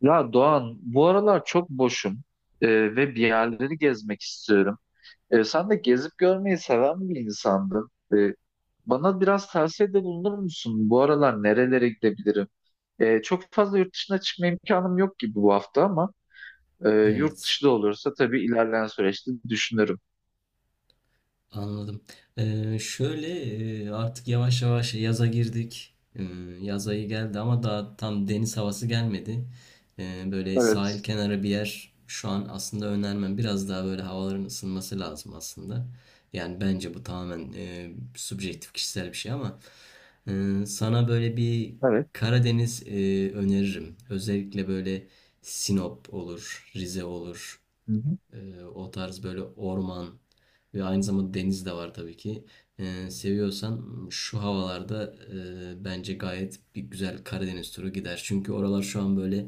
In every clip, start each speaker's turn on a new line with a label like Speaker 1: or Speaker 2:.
Speaker 1: Ya Doğan, bu aralar çok boşum, e, ve bir yerleri gezmek istiyorum. Sen de gezip görmeyi seven bir insandın. Bana biraz tavsiyede bulunur musun? Bu aralar nerelere gidebilirim? Çok fazla yurt dışına çıkma imkanım yok gibi bu hafta ama yurt
Speaker 2: Evet,
Speaker 1: dışı da olursa tabii ilerleyen süreçte düşünürüm.
Speaker 2: anladım. Şöyle artık yavaş yavaş yaza girdik. Yaz ayı geldi ama daha tam deniz havası gelmedi. Böyle sahil
Speaker 1: Evet,
Speaker 2: kenarı bir yer şu an aslında önermem. Biraz daha böyle havaların ısınması lazım aslında. Yani bence bu tamamen subjektif kişisel bir şey ama sana böyle bir
Speaker 1: evet.
Speaker 2: Karadeniz öneririm. Özellikle böyle Sinop olur, Rize olur.
Speaker 1: Hı hı. Hı.
Speaker 2: O tarz böyle orman ve aynı zamanda deniz de var tabii ki. Seviyorsan şu havalarda bence gayet bir güzel Karadeniz turu gider. Çünkü oralar şu an böyle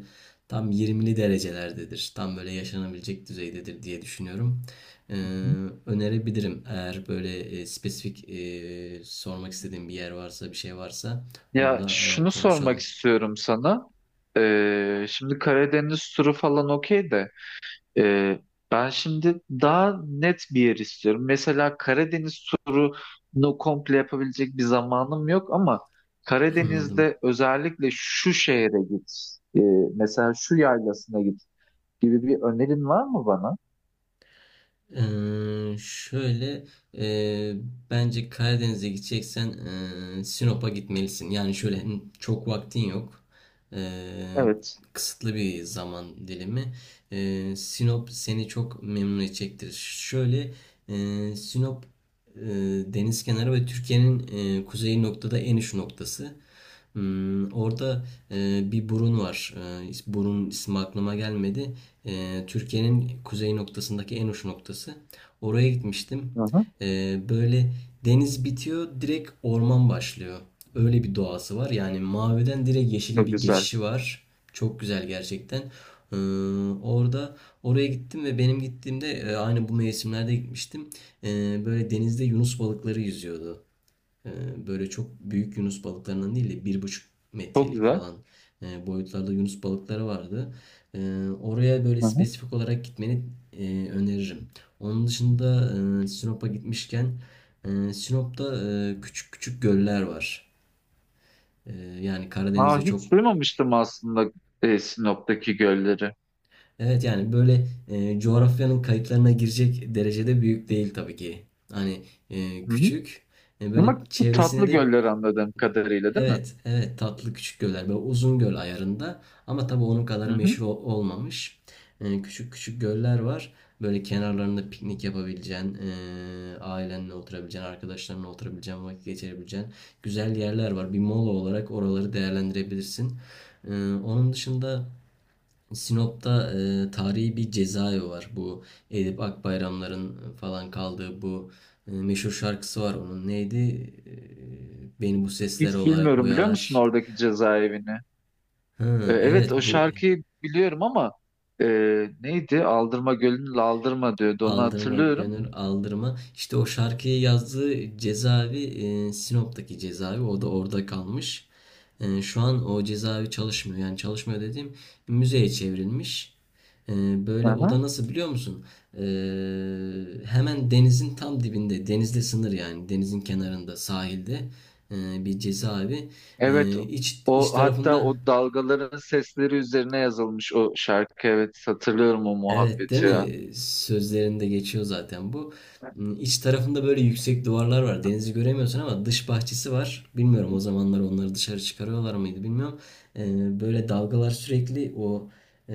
Speaker 2: tam 20'li derecelerdedir. Tam böyle yaşanabilecek düzeydedir diye düşünüyorum. Ee,
Speaker 1: Hı.
Speaker 2: önerebilirim. Eğer böyle spesifik sormak istediğim bir yer varsa, bir şey varsa onu
Speaker 1: Ya
Speaker 2: da
Speaker 1: şunu sormak
Speaker 2: konuşalım.
Speaker 1: istiyorum sana. Şimdi Karadeniz turu falan okey de. Ee, Ben şimdi daha net bir yer istiyorum. Mesela Karadeniz turunu komple yapabilecek bir zamanım yok ama
Speaker 2: Anladım.
Speaker 1: Karadeniz'de özellikle şu şehre git, ee, mesela şu yaylasına git gibi bir önerin var mı bana?
Speaker 2: Şöyle e, bence Karadeniz'e gideceksen Sinop'a gitmelisin. Yani şöyle, çok vaktin yok. Ee,
Speaker 1: Evet.
Speaker 2: kısıtlı bir zaman dilimi. Sinop seni çok memnun edecektir. Şöyle Sinop e, deniz kenarı ve Türkiye'nin kuzey noktada en uç noktası. Orada bir burun var. Burun ismi aklıma gelmedi. Türkiye'nin kuzey noktasındaki en uç noktası. Oraya gitmiştim.
Speaker 1: Hı hı.
Speaker 2: Böyle deniz bitiyor, direkt orman başlıyor. Öyle bir doğası var. Yani maviden direkt yeşile
Speaker 1: Çok
Speaker 2: bir
Speaker 1: güzel.
Speaker 2: geçişi var. Çok güzel gerçekten. Ee, orada oraya gittim ve benim gittiğimde aynı bu mevsimlerde gitmiştim. Böyle denizde yunus balıkları yüzüyordu. Böyle çok büyük yunus balıklarından değil de bir buçuk
Speaker 1: Çok
Speaker 2: metrelik
Speaker 1: güzel.
Speaker 2: falan boyutlarda yunus balıkları vardı. Ee, Oraya böyle
Speaker 1: Hı hı.
Speaker 2: spesifik olarak gitmeni öneririm. Onun dışında Sinop'a gitmişken Sinop'ta küçük küçük göller var. E, Yani Karadeniz'de
Speaker 1: Aa,
Speaker 2: çok,
Speaker 1: hiç duymamıştım aslında Sinop'taki gölleri.
Speaker 2: evet, yani böyle coğrafyanın kayıtlarına girecek derecede büyük değil tabii ki. Hani
Speaker 1: Hı hı.
Speaker 2: küçük, böyle
Speaker 1: Ama çok tatlı
Speaker 2: çevresine de
Speaker 1: göller anladığım kadarıyla, değil mi?
Speaker 2: evet, evet, tatlı küçük göller böyle uzun göl ayarında ama tabii onun kadar
Speaker 1: Hı hı.
Speaker 2: meşhur olmamış. Küçük küçük göller var. Böyle kenarlarında piknik yapabileceğin, ailenle oturabileceğin, arkadaşlarınla oturabileceğin, vakit geçirebileceğin güzel yerler var. Bir mola olarak oraları değerlendirebilirsin. Ee, onun dışında Sinop'ta tarihi bir cezaevi var. Bu Edip Akbayramların falan kaldığı bu meşhur şarkısı var onun. Neydi? Beni bu sesler
Speaker 1: Hiç bilmiyorum, biliyor musun
Speaker 2: oyalar.
Speaker 1: oradaki cezaevini?
Speaker 2: Hı,
Speaker 1: Evet,
Speaker 2: evet,
Speaker 1: o
Speaker 2: bu
Speaker 1: şarkıyı biliyorum ama e, neydi? Aldırma Gölü'nün Aldırma diyordu, onu
Speaker 2: Aldırma
Speaker 1: hatırlıyorum.
Speaker 2: gönül aldırma. İşte o şarkıyı yazdığı cezaevi Sinop'taki cezaevi, o da orada kalmış. Şu an o cezaevi çalışmıyor. Yani çalışmıyor dediğim, müzeye çevrilmiş. E, böyle o da,
Speaker 1: Aha.
Speaker 2: nasıl biliyor musun? E, hemen denizin tam dibinde, denizle sınır yani denizin kenarında sahilde bir cezaevi.
Speaker 1: Evet,
Speaker 2: E, iç, iç
Speaker 1: o hatta o
Speaker 2: tarafında.
Speaker 1: dalgaların sesleri üzerine yazılmış o şarkı, evet hatırlıyorum o
Speaker 2: Evet, değil
Speaker 1: muhabbeti ya.
Speaker 2: mi? Sözlerinde geçiyor zaten bu. İç tarafında böyle yüksek duvarlar var. Denizi göremiyorsun ama dış bahçesi var. Bilmiyorum, o zamanlar onları dışarı çıkarıyorlar mıydı bilmiyorum. Böyle dalgalar sürekli o e,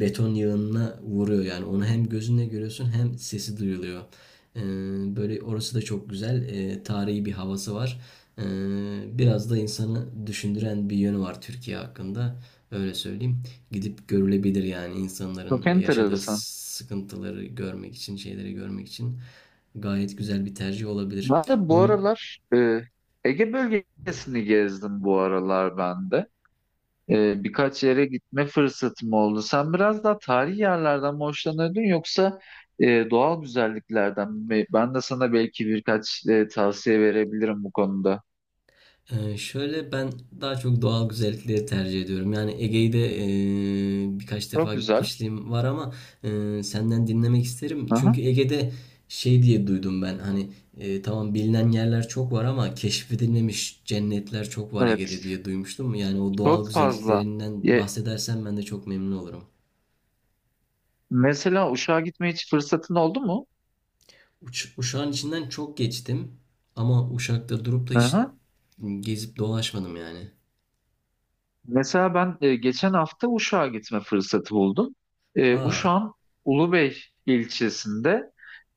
Speaker 2: beton yığınına vuruyor. Yani onu hem gözünle görüyorsun hem sesi duyuluyor. Ee, böyle orası da çok güzel. Tarihi bir havası var. Ee, biraz da insanı düşündüren bir yönü var Türkiye hakkında. Öyle söyleyeyim. Gidip görülebilir yani,
Speaker 1: Çok
Speaker 2: insanların yaşadığı
Speaker 1: enteresan.
Speaker 2: sıkıntıları görmek için, şeyleri görmek için gayet güzel bir tercih olabilir.
Speaker 1: Ben de bu
Speaker 2: Onun
Speaker 1: aralar Ege bölgesini gezdim bu aralar ben de. Birkaç yere gitme fırsatım oldu. Sen biraz daha tarihi yerlerden mi hoşlanırdın yoksa doğal güzelliklerden mi? Ben de sana belki birkaç tavsiye verebilirim bu konuda.
Speaker 2: Şöyle ben daha çok doğal güzellikleri tercih ediyorum. Yani Ege'yi de birkaç defa
Speaker 1: Çok güzel.
Speaker 2: gitmişliğim var ama senden dinlemek isterim. Çünkü
Speaker 1: Aha,
Speaker 2: Ege'de şey diye duydum ben, hani tamam, bilinen yerler çok var ama keşfedilmemiş cennetler çok var Ege'de
Speaker 1: evet.
Speaker 2: diye duymuştum. Yani o doğal
Speaker 1: Çok fazla.
Speaker 2: güzelliklerinden
Speaker 1: Ye-
Speaker 2: bahsedersen ben de çok memnun olurum.
Speaker 1: Mesela Uşak'a gitmeye hiç fırsatın oldu mu?
Speaker 2: Uşak'ın içinden çok geçtim ama Uşak'ta durup da hiç
Speaker 1: Aha.
Speaker 2: gezip dolaşmadım yani.
Speaker 1: Mesela ben geçen hafta Uşak'a gitme fırsatı buldum.
Speaker 2: Aa,
Speaker 1: Uşak'ın Ulubey ilçesinde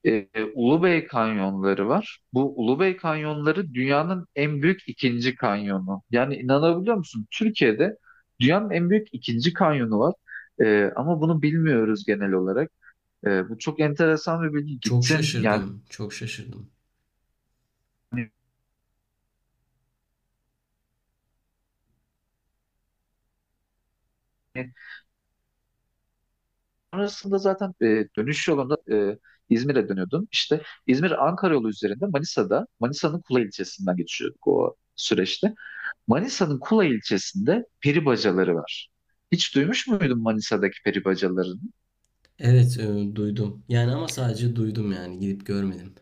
Speaker 1: e, Ulubey kanyonları var. Bu Ulubey kanyonları dünyanın en büyük ikinci kanyonu. Yani inanabiliyor musun? Türkiye'de dünyanın en büyük ikinci kanyonu var. Ama bunu bilmiyoruz genel olarak. Bu çok enteresan bir bilgi.
Speaker 2: çok
Speaker 1: Gittim
Speaker 2: şaşırdım, çok şaşırdım.
Speaker 1: yani. Sonrasında zaten dönüş yolunda İzmir'e dönüyordum. İşte İzmir-Ankara yolu üzerinde Manisa'da, Manisa'nın Kula ilçesinden geçiyorduk o süreçte. Manisa'nın Kula ilçesinde peri bacaları var. Hiç duymuş muydun Manisa'daki peri bacalarını?
Speaker 2: Evet, duydum. Yani ama sadece duydum yani, gidip görmedim.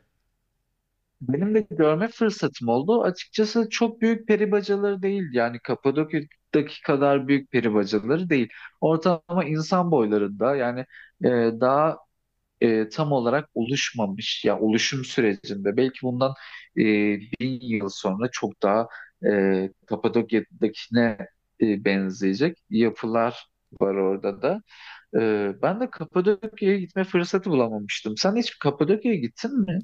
Speaker 1: Benim de görme fırsatım oldu. Açıkçası çok büyük peri bacaları değil. Yani Kapadokya'daki kadar büyük peri bacaları değil. Ortalama insan boylarında yani e, daha tam olarak oluşmamış ya, oluşum sürecinde belki bundan e, bin yıl sonra çok daha Kapadokya'dakine benzeyecek yapılar var orada da. Ben de Kapadokya'ya gitme fırsatı bulamamıştım. Sen hiç Kapadokya'ya gittin mi?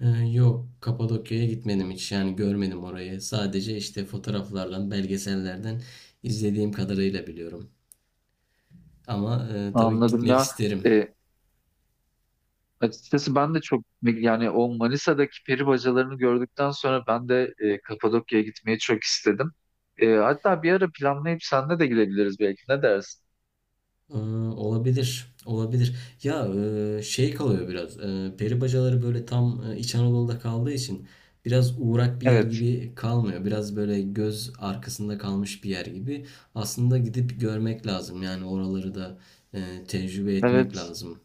Speaker 2: Yok, Kapadokya'ya gitmedim hiç. Yani görmedim orayı. Sadece işte fotoğraflardan, belgesellerden izlediğim kadarıyla biliyorum. Ama tabii
Speaker 1: Anladım
Speaker 2: gitmek
Speaker 1: ya.
Speaker 2: isterim.
Speaker 1: E, Açıkçası ben de çok, yani o Manisa'daki peri bacalarını gördükten sonra ben de Kapadokya'ya gitmeyi çok istedim. Hatta bir ara planlayıp senle de gidebiliriz belki. Ne dersin?
Speaker 2: Ee, olabilir. Olabilir. Ya, şey kalıyor biraz. Peri bacaları böyle tam İç Anadolu'da kaldığı için biraz uğrak bir yer
Speaker 1: Evet.
Speaker 2: gibi kalmıyor. Biraz böyle göz arkasında kalmış bir yer gibi. Aslında gidip görmek lazım. Yani oraları da tecrübe etmek
Speaker 1: Evet.
Speaker 2: lazım.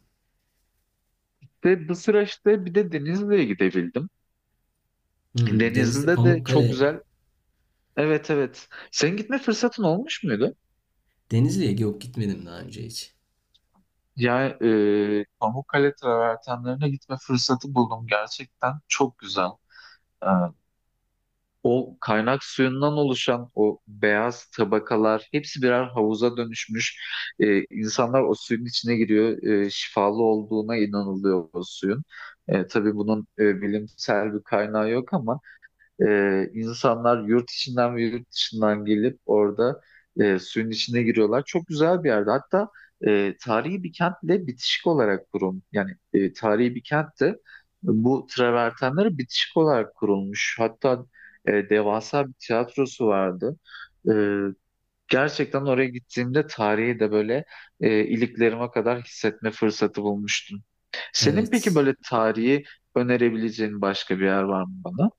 Speaker 1: De bu süreçte bir de Denizli'ye gidebildim.
Speaker 2: Hmm, Denizli
Speaker 1: Denizli'de de çok
Speaker 2: Pamukkale.
Speaker 1: güzel. Evet, evet. Senin gitme fırsatın olmuş muydu?
Speaker 2: Denizli'ye yok, gitmedim daha önce hiç.
Speaker 1: Ya, Pamukkale travertenlerine gitme fırsatı buldum. Gerçekten çok güzel. E, O kaynak suyundan oluşan o beyaz tabakalar hepsi birer havuza dönüşmüş. İnsanlar o suyun içine giriyor. Şifalı olduğuna inanılıyor o suyun. Tabii bunun bilimsel bir kaynağı yok ama insanlar yurt içinden ve yurt dışından gelip orada suyun içine giriyorlar. Çok güzel bir yerde. Hatta tarihi bir kentle bitişik olarak kurulmuş. Yani tarihi bir kentte bu travertenleri bitişik olarak kurulmuş. Hatta devasa bir tiyatrosu vardı. E, Gerçekten oraya gittiğimde tarihi de böyle iliklerime kadar hissetme fırsatı bulmuştum. Senin peki
Speaker 2: Evet.
Speaker 1: böyle tarihi önerebileceğin başka bir yer var mı bana?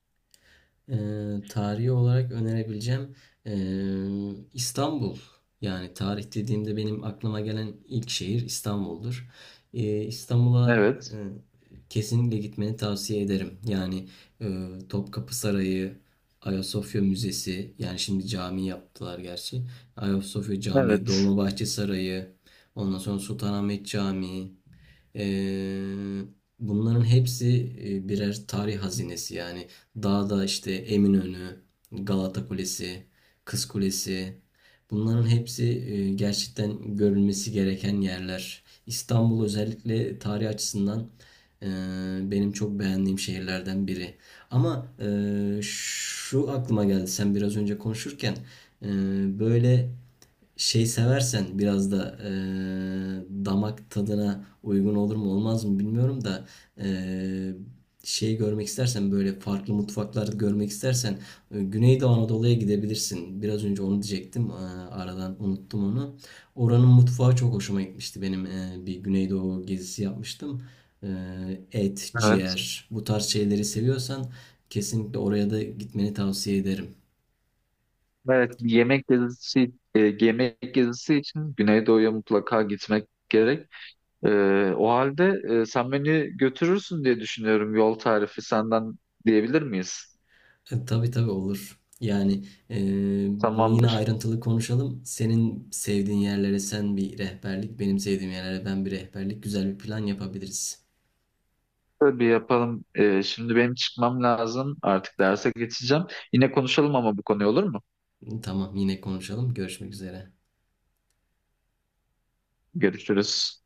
Speaker 2: Tarihi olarak önerebileceğim İstanbul. Yani tarih dediğimde benim aklıma gelen ilk şehir İstanbul'dur. İstanbul'a
Speaker 1: Evet.
Speaker 2: eee, kesinlikle gitmeni tavsiye ederim. Yani Topkapı Sarayı, Ayasofya Müzesi, yani şimdi cami yaptılar gerçi. Ayasofya Camii,
Speaker 1: Evet.
Speaker 2: Dolmabahçe Sarayı, ondan sonra Sultanahmet Camii. Eee, bunların hepsi birer tarih hazinesi yani. Dağda işte Eminönü, Galata Kulesi, Kız Kulesi. Bunların hepsi gerçekten görülmesi gereken yerler. İstanbul özellikle tarih açısından e, benim çok beğendiğim şehirlerden biri. Ama şu aklıma geldi sen biraz önce konuşurken, e, böyle şey seversen, biraz da damak tadına uygun olur mu olmaz mı bilmiyorum da e, şeyi görmek istersen, böyle farklı mutfaklar görmek istersen Güneydoğu Anadolu'ya gidebilirsin. Biraz önce onu diyecektim. Aradan unuttum onu. Oranın mutfağı çok hoşuma gitmişti. Benim bir Güneydoğu gezisi yapmıştım. E, Et,
Speaker 1: Evet.
Speaker 2: ciğer, bu tarz şeyleri seviyorsan kesinlikle oraya da gitmeni tavsiye ederim.
Speaker 1: Evet. Bir yemek gezisi, yemek gezisi için Güneydoğu'ya mutlaka gitmek gerek. E, O halde sen beni götürürsün diye düşünüyorum. Yol tarifi senden diyebilir miyiz?
Speaker 2: Tabii tabii, olur. Yani e, bunu yine
Speaker 1: Tamamdır.
Speaker 2: ayrıntılı konuşalım. Senin sevdiğin yerlere sen bir rehberlik, benim sevdiğim yerlere ben bir rehberlik, güzel bir plan yapabiliriz.
Speaker 1: Böyle bir yapalım. Şimdi benim çıkmam lazım. Artık derse geçeceğim. Yine konuşalım ama bu konuyu, olur mu?
Speaker 2: Tamam, yine konuşalım. Görüşmek üzere.
Speaker 1: Görüşürüz.